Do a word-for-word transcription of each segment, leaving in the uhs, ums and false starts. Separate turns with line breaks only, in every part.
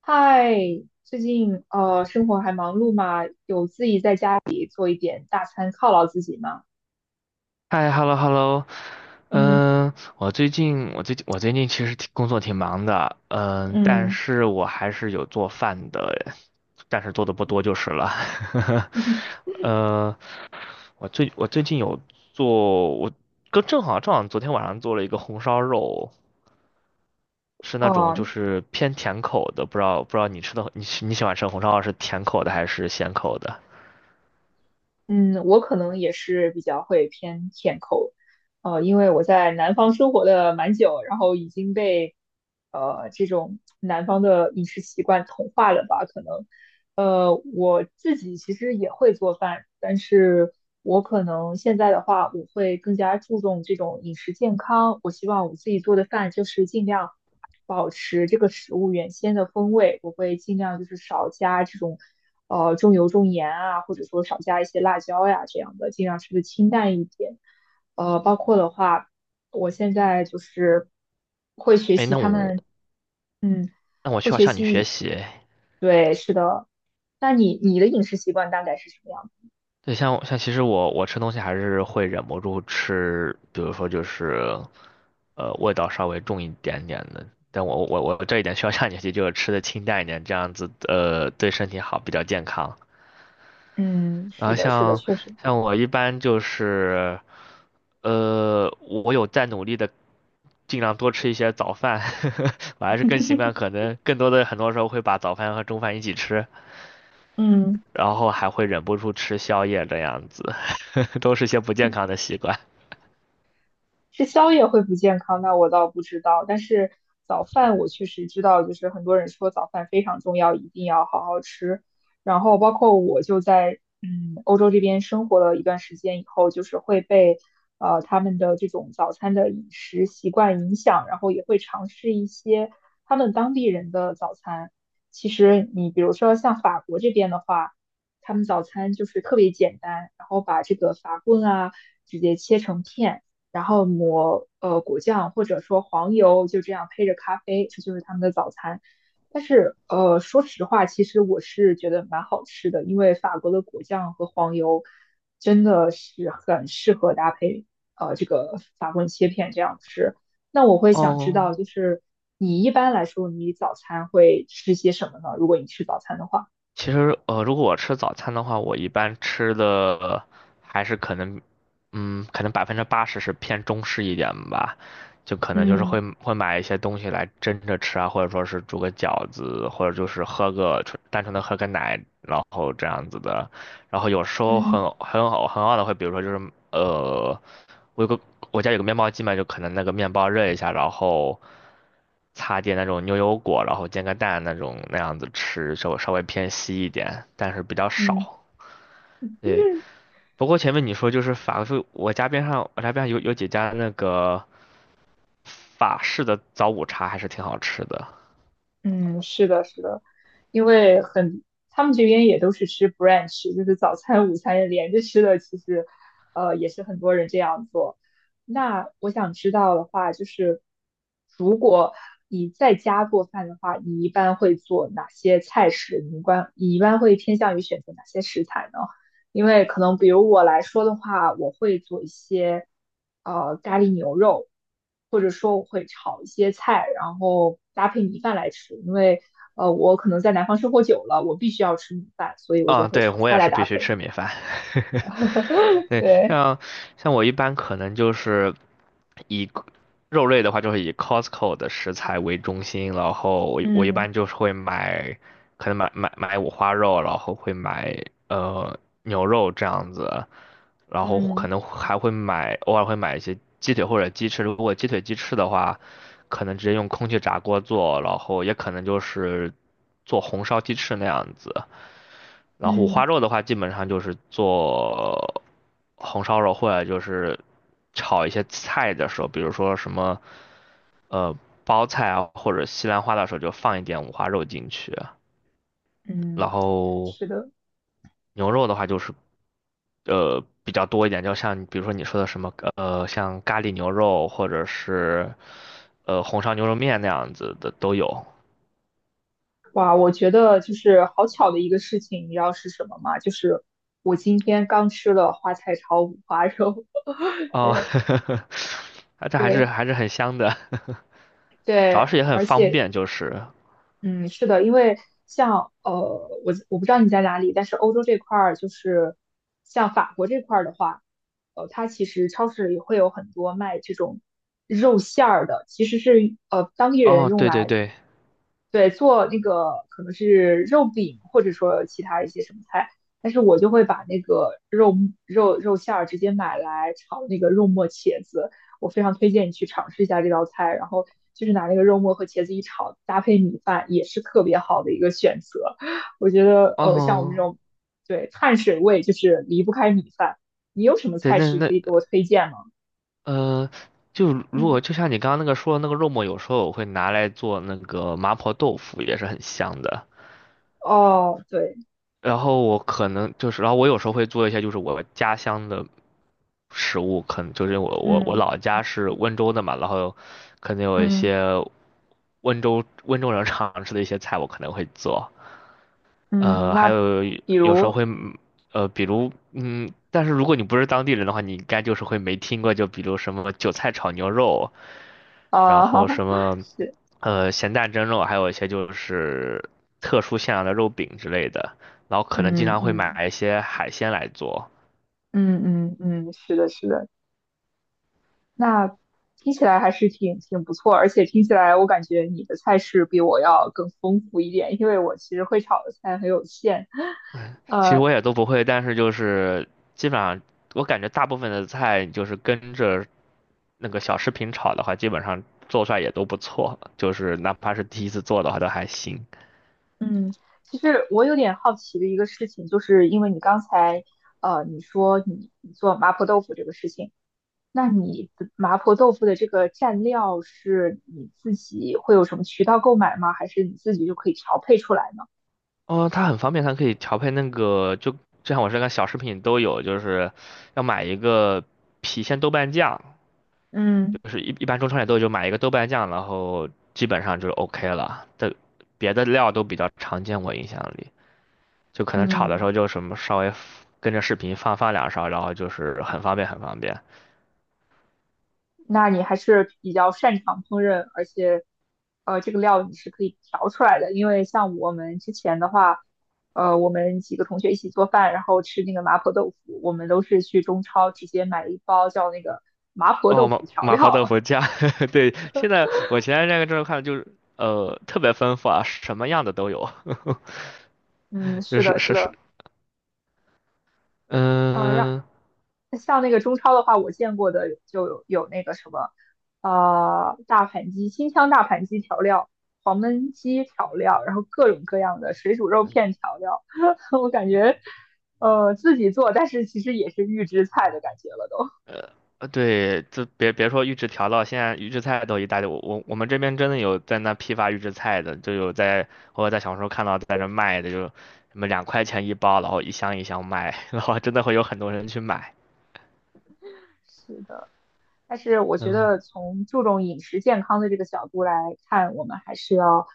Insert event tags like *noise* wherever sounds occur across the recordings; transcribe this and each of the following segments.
嗨，最近呃生活还忙碌吗？有自己在家里做一点大餐犒劳自己吗？
嗨，hello hello，
嗯
嗯，我最近我最近我最近其实挺工作挺忙的，嗯，但
嗯
是我还是有做饭的，但是做的不多就是了。
*laughs*，
*laughs* 呃，我最我最近有做，我跟正好正好昨天晚上做了一个红烧肉，是那种就
哦，
是偏甜口的，不知道不知道你吃的你喜你喜欢吃红烧肉是甜口的还是咸口的？
嗯，我可能也是比较会偏甜口，呃，因为我在南方生活的蛮久，然后已经被呃这种南方的饮食习惯同化了吧，可能，呃，我自己其实也会做饭，但是我可能现在的话，我会更加注重这种饮食健康。我希望我自己做的饭就是尽量保持这个食物原先的风味，我会尽量就是少加这种呃重油重盐啊，或者说少加一些辣椒呀这样的，尽量吃的清淡一点。呃，包括的话，我现在就是会学
哎，
习
那
他
我
们，嗯，
那我
会
需要
学
向你学
习。
习。
对。那你你的饮食习惯大概是什么样的？
对，像像其实我我吃东西还是会忍不住吃，比如说就是，呃，味道稍微重一点点的。但我我我这一点需要下决心，就是吃的清淡一点，这样子呃对身体好，比较健康。
嗯，
然
是
后
的，是的，
像
确实。
像我一般就是，呃，我有在努力的尽量多吃一些早饭，*laughs* 我还是更习惯
*laughs*
可能更多的很多时候会把早饭和中饭一起吃，
嗯。
然后还会忍不住吃宵夜这样子，*laughs* 都是些不健康的习惯。
吃宵夜会不健康，那我倒不知道。但是早饭我确实知道，就是很多人说早饭非常重要，一定要好好吃。然后包括我就在嗯欧洲这边生活了一段时间以后，就是会被呃他们的这种早餐的饮食习惯影响，然后也会尝试一些他们当地人的早餐。其实你比如说像法国这边的话，他们早餐就是特别简单，然后把这个法棍啊直接切成片。然后抹呃果酱或者说黄油，就这样配着咖啡，这就是他们的早餐。但是呃，说实话，其实我是觉得蛮好吃的，因为法国的果酱和黄油真的是很适合搭配呃这个法棍切片这样吃。那我会想知
哦，
道，就是你一般来说，你早餐会吃些什么呢？如果你吃早餐的话，
其实，呃，如果我吃早餐的话，我一般吃的还是可能，嗯，可能百分之八十是偏中式一点吧，就可能就是
嗯
会会买一些东西来蒸着吃啊，或者说是煮个饺子，或者就是喝个纯单纯的喝个奶，然后这样子的。然后有时候很
嗯
很好很好的会，比如说就是呃，我有个我家有个面包机嘛，就可能那个面包热一下，然后擦点那种牛油果，然后煎个蛋那种那样子吃，稍微稍微偏稀一点，但是比较
嗯。
少。对，不过前面你说就是法式，我家边上我家边上有有几家那个法式的早午茶还是挺好吃的。
嗯，是的，是的，因为很，他们这边也都是吃 brunch，就是早餐、午餐连着吃的，其实，呃，也是很多人这样做。那我想知道的话，就是如果你在家做饭的话，你一般会做哪些菜式？你一般你一般会偏向于选择哪些食材呢？因为可能比如我来说的话，我会做一些呃咖喱牛肉，或者说我会炒一些菜，然后搭配米饭来吃。因为呃我可能在南方生活久了，我必须要吃米饭，所以我就
嗯，
会
对，
炒
我
菜
也
来
是必
搭
须
配。
吃米饭。*laughs* 对，
对，
像像我一般可能就是以肉类的话，就是以 Costco 的食材为中心，然后我我一
嗯
般就是会买，可能买买买五花肉，然后会买呃牛肉这样子，然后可
嗯
能还会买，偶尔会买一些鸡腿或者鸡翅。如果鸡腿鸡翅的话，可能直接用空气炸锅做，然后也可能就是做红烧鸡翅那样子。然后五花
嗯
肉的话，基本上就是做红烧肉，或者就是炒一些菜的时候，比如说什么呃包菜啊，或者西兰花的时候，就放一点五花肉进去。然
嗯，
后
是的。
牛肉的话，就是呃比较多一点，就像比如说你说的什么呃像咖喱牛肉，或者是呃红烧牛肉面那样子的都有。
哇，我觉得就是好巧的一个事情，你知道是什么吗？就是我今天刚吃了花菜炒五花肉。*laughs*
哦，
对
*laughs* 这还是
对
还是很香的。*laughs* 主要
对，
是也很
而
方
且
便，就是
嗯，是的，因为像呃，我我不知道你在哪里，但是欧洲这块儿就是像法国这块儿的话，呃，它其实超市里会有很多卖这种肉馅儿的，其实是呃当地人
哦，
用
对对
来
对，
对，做那个可能是肉饼，或者说其他一些什么菜，但是我就会把那个肉肉肉馅儿直接买来炒那个肉末茄子，我非常推荐你去尝试一下这道菜，然后就是拿那个肉末和茄子一炒，搭配米饭也是特别好的一个选择。我觉得，呃，像我们这
哦，
种对碳水味就是离不开米饭，你有什么
对，
菜
那
式可
那
以给我推荐吗？
呃，就如果
嗯
就像你刚刚那个说的那个肉末，有时候我会拿来做那个麻婆豆腐，也是很香的。
哦，对，
然后我可能就是，然后我有时候会做一些就是我家乡的食物，可能就是我我我
嗯
老家是温州的嘛，然后可能有一
嗯
些温州温州人常吃的一些菜，我可能会做。
嗯，
呃，还
那
有
比
有时候
如。
会，呃，比如，嗯，但是如果你不是当地人的话，你应该就是会没听过，就比如什么韭菜炒牛肉，
啊，
然后什
*laughs*
么，
是，
呃，咸蛋蒸肉，还有一些就是特殊馅料的肉饼之类的，然后可能经
嗯
常会
嗯
买一些海鲜来做。
嗯嗯嗯，是的，是的，那听起来还是挺挺不错，而且听起来我感觉你的菜式比我要更丰富一点，因为我其实会炒的菜很有限。
其实
呃，
我也都不会，但是就是基本上，我感觉大部分的菜就是跟着那个小视频炒的话，基本上做出来也都不错，就是哪怕是第一次做的话都还行。
嗯，其实我有点好奇的一个事情，就是因为你刚才呃你说你你做麻婆豆腐这个事情，那你的麻婆豆腐的这个蘸料是你自己会有什么渠道购买吗？还是你自己就可以调配出来呢？
哦，它很方便，它可以调配那个，就就像我这个小食品都有，就是要买一个郫县豆瓣酱，
嗯。
就是一一般中超也都有，就买一个豆瓣酱，然后基本上就是 OK 了。的别的料都比较常见，我印象里。就可能炒的时候
嗯，
就什么稍微跟着视频放放两勺，然后就是很方便很方便。
那你还是比较擅长烹饪，而且，呃，这个料你是可以调出来的。因为像我们之前的话，呃，我们几个同学一起做饭，然后吃那个麻婆豆腐，我们都是去中超直接买一包叫那个麻婆豆
哦，
腐
麻
调
麻婆
料。
豆腐酱，*laughs* 对，现在我前段时间这个看就是呃特别丰富啊，什么样的都有，
*laughs* 嗯，
*laughs* 就
是的，
是
是
是是，
的，呃，
嗯、
像那个中超的话，我见过的就有有那个什么，呃，大盘鸡、新疆大盘鸡调料、黄焖鸡调料，然后各种各样的水煮肉片调料，*laughs* 我感觉，呃，自己做，但是其实也是预制菜的感觉了都。
呃对，就别别说预制调料，现在预制菜都一大堆。我我我们这边真的有在那批发预制菜的，就有在我在小红书看到在这卖的，就什么两块钱一包，然后一箱一箱卖，*laughs* 然后真的会有很多人去买。
*laughs* 是的，但是我觉
嗯，
得从注重饮食健康的这个角度来看，我们还是要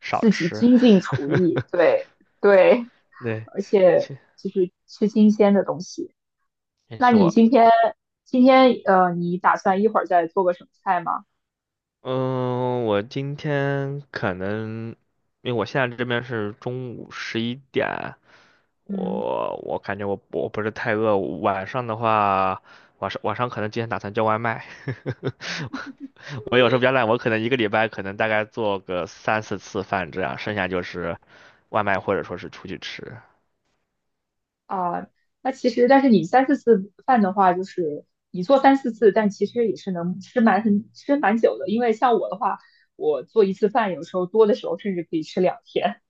少
自己
吃。
精进厨艺，对对，
对，
而且
其
就是吃新鲜的东西。
其
那
实
你
我，
今天今天呃，你打算一会儿再做个什么菜吗？
嗯，我今天可能，因为我现在这边是中午十一点，
嗯
我我感觉我我不是太饿，晚上的话，晚上晚上可能今天打算叫外卖，*laughs* 我有时候比较懒，我可能一个礼拜可能大概做个三四次饭这样，剩下就是外卖或者说是出去吃。
啊，那其实但是你三四次饭的话，就是你做三四次，但其实也是能吃蛮很吃蛮久的。因为像我的话，我做一次饭，有时候多的时候甚至可以吃两天。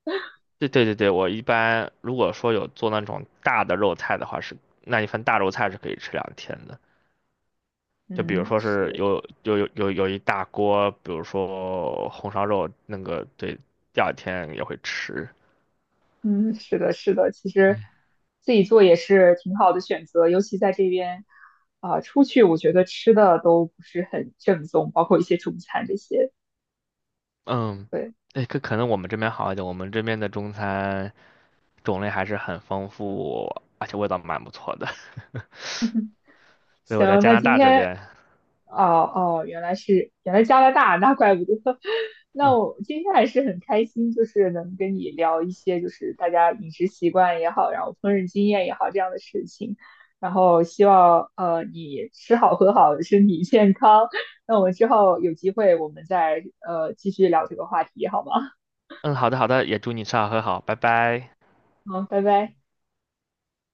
对对对对，我一般如果说有做那种大的肉菜的话是，那一份大肉菜是可以吃两天的。
*laughs*
就比如
嗯，
说是
是，
有有有有有一大锅，比如说红烧肉，那个对，第二天也会吃。
嗯，是的，是的，其实自己做也是挺好的选择，尤其在这边啊，出去我觉得吃的都不是很正宗，包括一些中餐这些。
嗯，
对。
对，可可能我们这边好一点，我们这边的中餐种类还是很丰富，而且味道蛮不错的。*laughs* 所以我在
行，
加
那
拿
今
大这
天
边，
哦哦，原来是原来加拿大，那怪不得。*laughs*
嗯
那我今天还是很开心，就是能跟你聊一些，就是大家饮食习惯也好，然后烹饪经验也好这样的事情。然后希望呃你吃好喝好，身体健康。那我们之后有机会我们再呃继续聊这个话题，好吗？
嗯，好的好的，也祝你吃好喝好，拜拜。
好，拜拜。